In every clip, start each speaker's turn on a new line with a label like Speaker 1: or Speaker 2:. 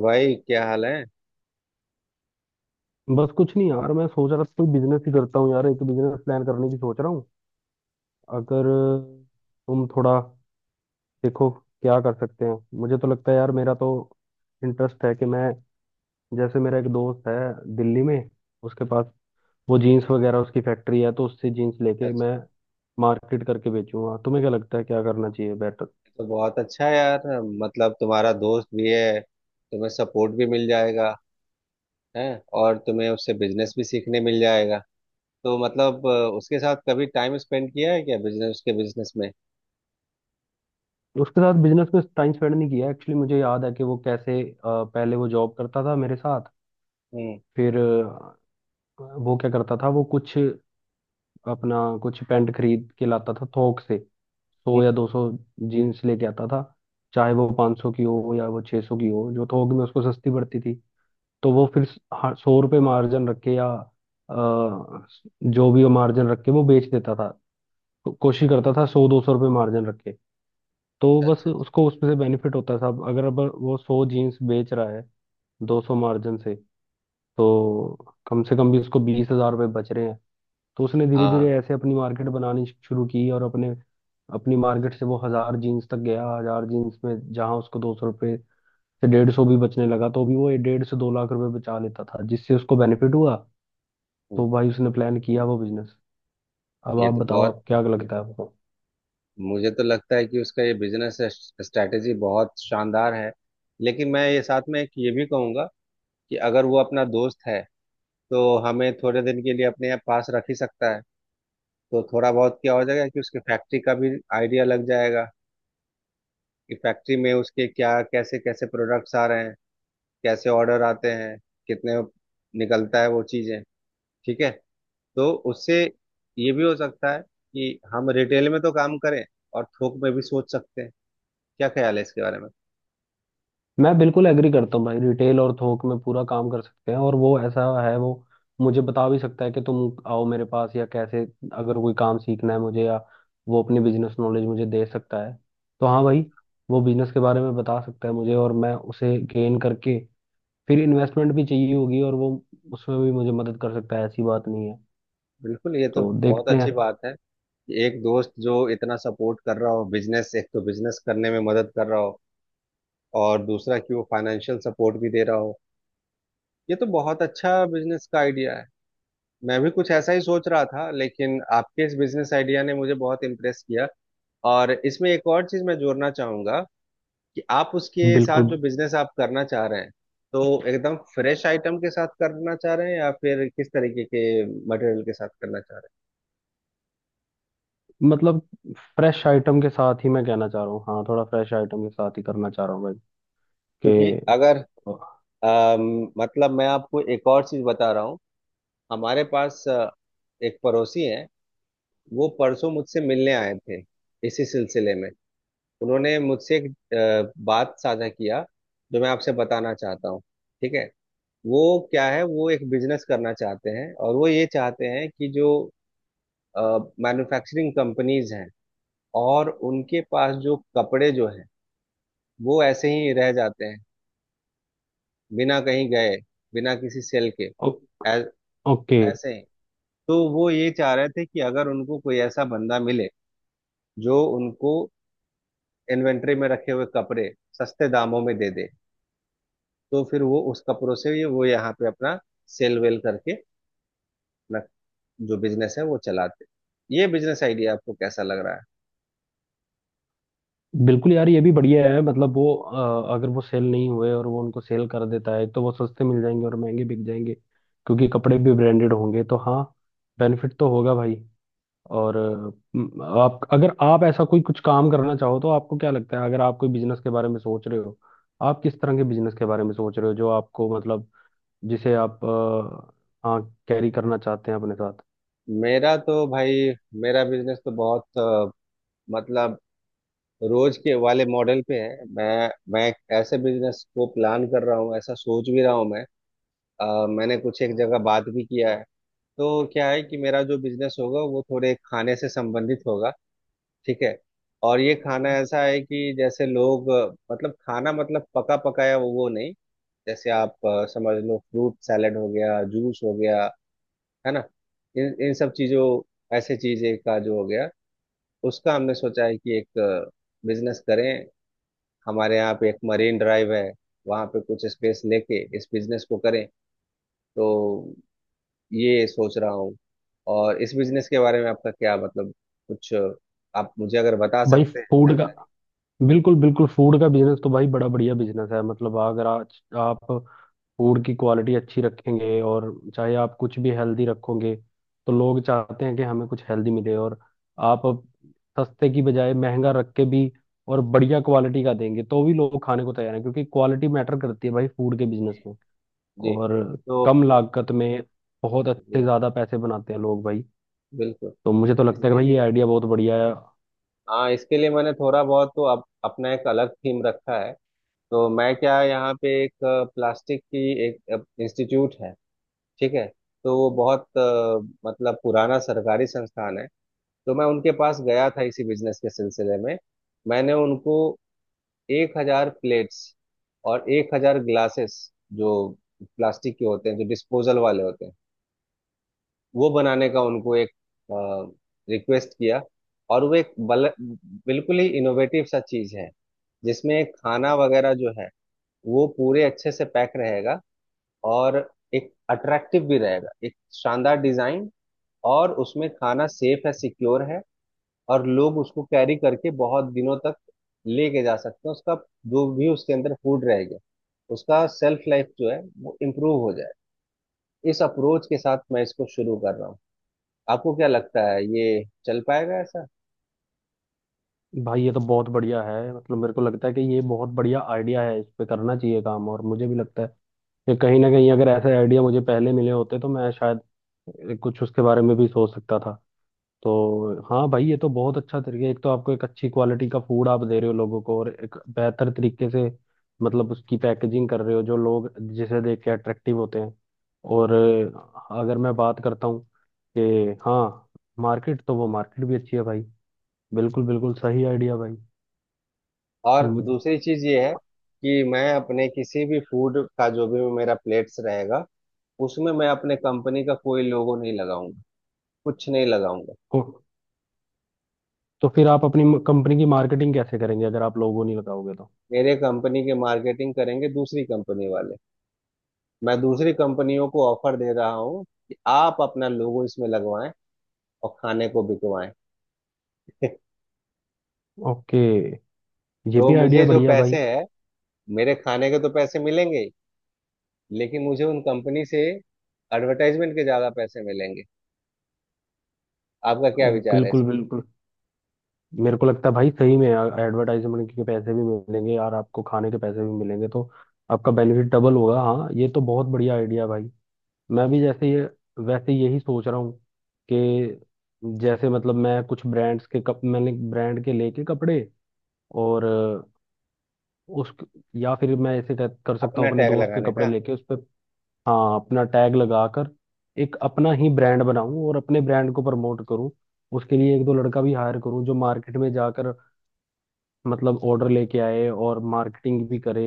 Speaker 1: भाई क्या हाल है?
Speaker 2: बस कुछ नहीं यार। मैं सोच रहा था कोई बिजनेस ही करता हूँ यार। एक बिजनेस प्लान करने की सोच रहा हूँ। अगर तुम थोड़ा देखो क्या कर सकते हैं। मुझे तो लगता है यार मेरा तो इंटरेस्ट है कि मैं, जैसे मेरा एक दोस्त है दिल्ली में, उसके पास वो जीन्स वगैरह उसकी फैक्ट्री है, तो उससे जीन्स लेके
Speaker 1: अच्छा।
Speaker 2: मैं मार्केट करके बेचूंगा। तुम्हें क्या लगता है क्या करना चाहिए बेटर?
Speaker 1: ये तो बहुत अच्छा है यार। मतलब, तुम्हारा दोस्त भी है, तुम्हें सपोर्ट भी मिल जाएगा है। और तुम्हें उससे बिजनेस भी सीखने मिल जाएगा। तो मतलब उसके साथ कभी टाइम स्पेंड किया है क्या बिजनेस, उसके बिजनेस में?
Speaker 2: उसके साथ बिजनेस में टाइम स्पेंड नहीं किया एक्चुअली। मुझे याद है कि वो कैसे पहले वो जॉब करता था मेरे साथ।
Speaker 1: हम्म।
Speaker 2: फिर वो क्या करता था, वो कुछ अपना कुछ पैंट खरीद के लाता था थोक से, सौ
Speaker 1: हम्म।
Speaker 2: या दो सौ जीन्स लेके आता था। चाहे वो 500 की हो या वो 600 की हो, जो थोक में उसको सस्ती पड़ती थी। तो वो फिर 100 रुपये मार्जिन रख के या अ, जो भी वो मार्जिन रख के वो बेच देता था। कोशिश करता था 100, 200 रुपये मार्जिन रख के। तो
Speaker 1: अच्छा
Speaker 2: बस
Speaker 1: अच्छा।
Speaker 2: उसको उसमें से बेनिफिट होता था। अगर अब वो 100 जीन्स बेच रहा है 200 मार्जिन से, तो कम से कम भी उसको 20,000 रुपये बच रहे हैं। तो उसने धीरे धीरे
Speaker 1: हाँ।
Speaker 2: ऐसे अपनी मार्केट बनानी शुरू की, और अपने, अपनी मार्केट से वो 1000 जीन्स तक गया। 1000 जीन्स में जहां उसको 200 रुपये से 150 भी बचने लगा, तो भी वो ये 1.5 से 2 लाख रुपए बचा लेता था, जिससे उसको बेनिफिट हुआ। तो
Speaker 1: हम्म।
Speaker 2: भाई उसने प्लान किया वो बिजनेस। अब
Speaker 1: ये
Speaker 2: आप
Speaker 1: तो
Speaker 2: बताओ,
Speaker 1: बहुत,
Speaker 2: आप क्या लगता है आपको?
Speaker 1: मुझे तो लगता है कि उसका ये बिजनेस स्ट्रैटेजी बहुत शानदार है। लेकिन मैं ये साथ में एक ये भी कहूंगा कि अगर वो अपना दोस्त है तो हमें थोड़े दिन के लिए अपने पास रख ही सकता है। तो थोड़ा बहुत क्या हो जाएगा कि उसके फैक्ट्री का भी आइडिया लग जाएगा, कि फैक्ट्री में उसके क्या, कैसे कैसे प्रोडक्ट्स आ रहे हैं, कैसे ऑर्डर आते हैं, कितने निकलता है वो चीजें। ठीक है। तो उससे ये भी हो सकता है कि हम रिटेल में तो काम करें और थोक में भी सोच सकते हैं। क्या ख्याल है इसके बारे में?
Speaker 2: मैं बिल्कुल एग्री करता हूँ भाई, रिटेल और थोक में पूरा काम कर सकते हैं। और वो ऐसा है, वो मुझे बता भी सकता है कि तुम आओ मेरे पास, या कैसे, अगर कोई काम सीखना है मुझे, या वो अपनी बिजनेस नॉलेज मुझे दे सकता है। तो हाँ भाई, वो बिजनेस के बारे में बता सकता है मुझे, और मैं उसे गेन करके फिर इन्वेस्टमेंट भी चाहिए होगी, और वो उसमें भी मुझे मदद कर सकता है। ऐसी बात नहीं है।
Speaker 1: बिल्कुल। ये तो
Speaker 2: तो
Speaker 1: बहुत
Speaker 2: देखते हैं।
Speaker 1: अच्छी बात है कि एक दोस्त जो इतना सपोर्ट कर रहा हो, बिजनेस, एक तो बिजनेस करने में मदद कर रहा हो और दूसरा कि वो फाइनेंशियल सपोर्ट भी दे रहा हो। ये तो बहुत अच्छा बिजनेस का आइडिया है। मैं भी कुछ ऐसा ही सोच रहा था, लेकिन आपके इस बिजनेस आइडिया ने मुझे बहुत इम्प्रेस किया। और इसमें एक और चीज मैं जोड़ना चाहूंगा कि आप उसके साथ
Speaker 2: बिल्कुल।
Speaker 1: जो बिजनेस आप करना चाह रहे हैं, तो एकदम फ्रेश आइटम के साथ करना चाह रहे हैं या फिर किस तरीके के मटेरियल के साथ करना चाह रहे
Speaker 2: मतलब फ्रेश आइटम के साथ ही मैं कहना चाह रहा हूँ। हाँ, थोड़ा फ्रेश आइटम के साथ ही करना चाह रहा हूँ भाई
Speaker 1: हैं? क्योंकि अगर मतलब, मैं आपको एक और चीज बता रहा हूँ। हमारे पास एक पड़ोसी हैं। वो परसों मुझसे मिलने आए थे इसी सिलसिले में। उन्होंने मुझसे एक बात साझा किया जो मैं आपसे बताना चाहता हूँ। ठीक है। वो क्या है, वो एक बिजनेस करना चाहते हैं और वो ये चाहते हैं कि जो मैन्युफैक्चरिंग कंपनीज हैं और उनके पास जो कपड़े जो हैं, वो ऐसे ही रह जाते हैं, बिना कहीं गए, बिना किसी सेल के।
Speaker 2: कि
Speaker 1: ऐ-
Speaker 2: ओके।
Speaker 1: ऐसे ही। तो वो ये चाह रहे थे कि अगर उनको कोई ऐसा बंदा मिले जो उनको इन्वेंट्री में रखे हुए कपड़े सस्ते दामों में दे दे, तो फिर वो उसका प्रोसेस ये वो यहाँ पे अपना सेल वेल करके अपना जो बिजनेस है वो चलाते। ये बिजनेस आइडिया आपको कैसा लग रहा है?
Speaker 2: बिल्कुल यार, ये भी बढ़िया है। मतलब वो अगर वो सेल नहीं हुए और वो उनको सेल कर देता है, तो वो सस्ते मिल जाएंगे और महंगे बिक जाएंगे, क्योंकि कपड़े भी ब्रांडेड होंगे। तो हाँ, बेनिफिट तो होगा भाई। और आप, अगर आप ऐसा कोई कुछ काम करना चाहो, तो आपको क्या लगता है? अगर आप कोई बिजनेस के बारे में सोच रहे हो, आप किस तरह के बिजनेस के बारे में सोच रहे हो, जो आपको मतलब जिसे आप हाँ, कैरी करना चाहते हैं अपने साथ?
Speaker 1: मेरा तो भाई, मेरा बिजनेस तो बहुत मतलब रोज के वाले मॉडल पे है। मैं एक ऐसे बिजनेस को प्लान कर रहा हूँ, ऐसा सोच भी रहा हूँ मैं। मैंने कुछ एक जगह बात भी किया है। तो क्या है कि मेरा जो बिजनेस होगा वो थोड़े खाने से संबंधित होगा। ठीक है। और ये खाना ऐसा है कि जैसे लोग मतलब खाना मतलब पका पकाया, वो नहीं। जैसे आप समझ लो, फ्रूट सैलेड हो गया, जूस हो गया, है ना, इन इन सब चीजों, ऐसे चीजें का जो हो गया, उसका हमने सोचा है कि एक बिजनेस करें। हमारे यहाँ पे एक मरीन ड्राइव है, वहाँ पे कुछ स्पेस लेके इस बिजनेस को करें। तो ये सोच रहा हूँ। और इस बिजनेस के बारे में आपका क्या मतलब, कुछ आप मुझे अगर बता
Speaker 2: भाई
Speaker 1: सकते हैं
Speaker 2: फूड का।
Speaker 1: जानकारी?
Speaker 2: बिल्कुल बिल्कुल, फूड का बिजनेस तो भाई बड़ा बढ़िया बिजनेस है। मतलब अगर आज आप फूड की क्वालिटी अच्छी रखेंगे, और चाहे आप कुछ भी हेल्दी रखोगे, तो लोग चाहते हैं कि हमें कुछ हेल्दी मिले। और आप अब सस्ते की बजाय महंगा रख के भी, और बढ़िया क्वालिटी का देंगे, तो भी लोग खाने को तैयार हैं, क्योंकि क्वालिटी मैटर करती है भाई फूड के
Speaker 1: जी।
Speaker 2: बिजनेस में।
Speaker 1: जी।
Speaker 2: और
Speaker 1: तो
Speaker 2: कम लागत में बहुत अच्छे
Speaker 1: जी
Speaker 2: ज़्यादा पैसे बनाते हैं लोग भाई।
Speaker 1: बिल्कुल।
Speaker 2: तो मुझे तो लगता है कि
Speaker 1: इसके
Speaker 2: भाई, ये
Speaker 1: लिए,
Speaker 2: आइडिया बहुत बढ़िया है।
Speaker 1: हाँ, इसके लिए मैंने थोड़ा बहुत तो अपना एक अलग थीम रखा है। तो मैं क्या, यहाँ पे एक प्लास्टिक की एक इंस्टीट्यूट है, ठीक है, तो वो बहुत मतलब पुराना सरकारी संस्थान है। तो मैं उनके पास गया था इसी बिजनेस के सिलसिले में। मैंने उनको 1,000 प्लेट्स और 1,000 ग्लासेस, जो प्लास्टिक के होते हैं, जो डिस्पोजल वाले होते हैं, वो बनाने का उनको एक रिक्वेस्ट किया। और वो एक बिल्कुल ही इनोवेटिव सा चीज है जिसमें खाना वगैरह जो है वो पूरे अच्छे से पैक रहेगा। और एक अट्रैक्टिव भी रहेगा, एक शानदार डिजाइन। और उसमें खाना सेफ है, सिक्योर है। और लोग उसको कैरी करके बहुत दिनों तक लेके जा सकते हैं। उसका जो भी उसके अंदर फूड रहेगा उसका सेल्फ लाइफ जो है वो इम्प्रूव हो जाए, इस अप्रोच के साथ मैं इसको शुरू कर रहा हूँ। आपको क्या लगता है, ये चल पाएगा ऐसा?
Speaker 2: भाई ये तो बहुत बढ़िया है, मतलब मेरे को लगता है कि ये बहुत बढ़िया आइडिया है, इस पे करना चाहिए काम। और मुझे भी लगता है कि कहीं ना कहीं अगर ऐसे आइडिया मुझे पहले मिले होते, तो मैं शायद कुछ उसके बारे में भी सोच सकता था। तो हाँ भाई, ये तो बहुत अच्छा तरीका है। एक तो आपको, एक अच्छी क्वालिटी का फूड आप दे रहे हो लोगों को, और एक बेहतर तरीके से मतलब उसकी पैकेजिंग कर रहे हो, जो लोग जिसे देख के अट्रैक्टिव होते हैं। और अगर मैं बात करता हूँ, कि हाँ, मार्केट तो वो मार्केट भी अच्छी है भाई। बिल्कुल बिल्कुल सही आइडिया भाई।
Speaker 1: और
Speaker 2: हम्म।
Speaker 1: दूसरी चीज ये है कि मैं अपने किसी भी फूड का जो भी मेरा प्लेट्स रहेगा, उसमें मैं अपने कंपनी का कोई लोगो नहीं लगाऊंगा, कुछ नहीं लगाऊंगा।
Speaker 2: तो, तो फिर आप अपनी कंपनी की मार्केटिंग कैसे करेंगे, अगर आप लोगो नहीं लगाओगे तो?
Speaker 1: मेरे कंपनी के मार्केटिंग करेंगे दूसरी कंपनी वाले। मैं दूसरी कंपनियों को ऑफर दे रहा हूँ कि आप अपना लोगो इसमें लगवाएं और खाने को बिकवाएं।
Speaker 2: ओके। ये
Speaker 1: तो
Speaker 2: भी
Speaker 1: मुझे
Speaker 2: आइडिया
Speaker 1: जो
Speaker 2: बढ़िया है
Speaker 1: पैसे
Speaker 2: भाई।
Speaker 1: हैं, मेरे खाने के तो पैसे मिलेंगे ही, लेकिन मुझे उन कंपनी से एडवर्टाइजमेंट के ज्यादा पैसे मिलेंगे। आपका क्या विचार है इस-।
Speaker 2: बिल्कुल बिल्कुल, मेरे को लगता है भाई, सही में एडवर्टाइजमेंट के पैसे भी मिलेंगे यार, आपको खाने के पैसे भी मिलेंगे, तो आपका बेनिफिट डबल होगा। हाँ, ये तो बहुत बढ़िया आइडिया है भाई। मैं भी जैसे ये, वैसे यही सोच रहा हूँ कि, जैसे मतलब मैं कुछ ब्रांड्स के कप, मैंने ब्रांड के लेके कपड़े और उस, या फिर मैं ऐसे कर कर सकता
Speaker 1: अपना
Speaker 2: हूँ अपने
Speaker 1: टैग
Speaker 2: दोस्त के
Speaker 1: लगाने
Speaker 2: कपड़े
Speaker 1: का।
Speaker 2: लेके उस पे, हाँ अपना टैग लगाकर, एक अपना ही ब्रांड बनाऊं और अपने ब्रांड को प्रमोट करूं। उसके लिए एक दो लड़का भी हायर करूं, जो मार्केट में जाकर मतलब ऑर्डर लेके आए और मार्केटिंग भी करे,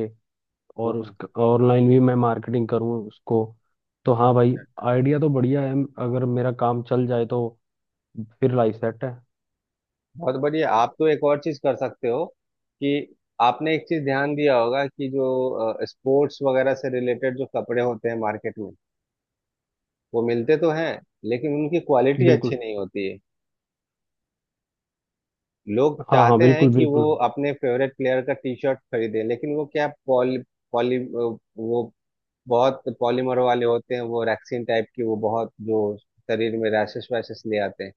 Speaker 2: और उस ऑनलाइन भी मैं मार्केटिंग करूं उसको। तो हाँ भाई, आइडिया तो बढ़िया है, अगर मेरा काम चल जाए तो फिर लाइफ सेट है।
Speaker 1: बहुत बढ़िया। आप तो एक और चीज कर सकते हो कि आपने एक चीज ध्यान दिया होगा कि जो स्पोर्ट्स वगैरह से रिलेटेड जो कपड़े होते हैं मार्केट में, वो मिलते तो हैं लेकिन उनकी क्वालिटी अच्छी
Speaker 2: बिल्कुल।
Speaker 1: नहीं होती है। लोग
Speaker 2: हाँ हाँ,
Speaker 1: चाहते हैं
Speaker 2: बिल्कुल
Speaker 1: कि वो
Speaker 2: बिल्कुल।
Speaker 1: अपने फेवरेट प्लेयर का टी शर्ट खरीदें, लेकिन वो क्या, पॉली पॉली वो बहुत पॉलीमर वाले होते हैं, वो रैक्सीन टाइप की, वो बहुत जो शरीर में रैशेस वैशेस ले आते हैं।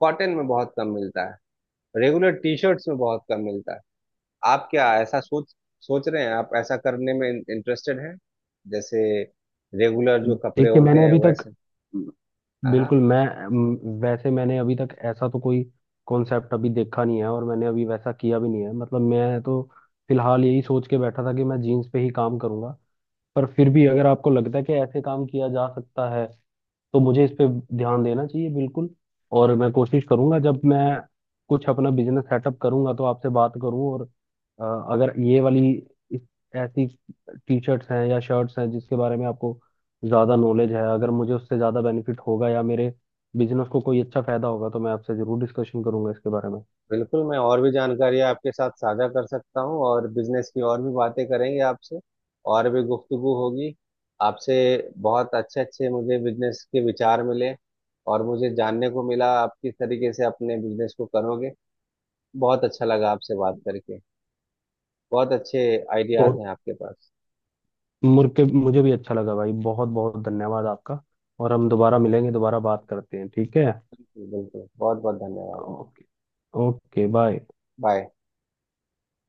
Speaker 1: कॉटन में बहुत कम मिलता है, रेगुलर टी शर्ट्स में बहुत कम मिलता है। आप क्या ऐसा सोच सोच रहे हैं, आप ऐसा करने में इंटरेस्टेड हैं, जैसे रेगुलर जो कपड़े
Speaker 2: देखिए
Speaker 1: होते
Speaker 2: मैंने
Speaker 1: हैं
Speaker 2: अभी तक,
Speaker 1: वैसे?
Speaker 2: हम्म,
Speaker 1: हाँ हाँ।
Speaker 2: बिल्कुल मैं, अम, वैसे मैंने अभी तक ऐसा तो कोई कॉन्सेप्ट अभी देखा नहीं है, और मैंने अभी वैसा किया भी नहीं है। मतलब मैं तो फिलहाल यही सोच के बैठा था कि मैं जीन्स पे ही काम करूंगा। पर फिर भी अगर आपको लगता है कि ऐसे काम किया जा सकता है, तो मुझे इस पे ध्यान देना चाहिए बिल्कुल। और मैं कोशिश करूंगा, जब मैं कुछ अपना बिजनेस सेटअप करूंगा तो आपसे बात करूं। और अगर ये वाली इस, ऐसी टी शर्ट्स हैं या शर्ट्स हैं, जिसके बारे में आपको ज़्यादा नॉलेज है, अगर मुझे उससे ज़्यादा बेनिफिट होगा या मेरे बिजनेस को कोई अच्छा फायदा होगा, तो मैं आपसे ज़रूर डिस्कशन करूंगा इसके बारे में।
Speaker 1: बिल्कुल। मैं और भी जानकारी आपके साथ साझा कर सकता हूँ और बिजनेस की और भी बातें करेंगे आपसे, और भी गुफ्तगू होगी आपसे। बहुत अच्छे अच्छे मुझे बिजनेस के विचार मिले, और मुझे जानने को मिला आप किस तरीके से अपने बिजनेस को करोगे। बहुत अच्छा लगा आपसे बात करके। बहुत अच्छे आइडियाज हैं
Speaker 2: बहुत
Speaker 1: आपके पास।
Speaker 2: मुर्के मुझे भी अच्छा लगा भाई। बहुत बहुत धन्यवाद आपका। और हम दोबारा मिलेंगे, दोबारा बात करते हैं, ठीक है।
Speaker 1: बिल्कुल बिल्कुल। बहुत बहुत धन्यवाद।
Speaker 2: ओके। Okay bye.
Speaker 1: बाय।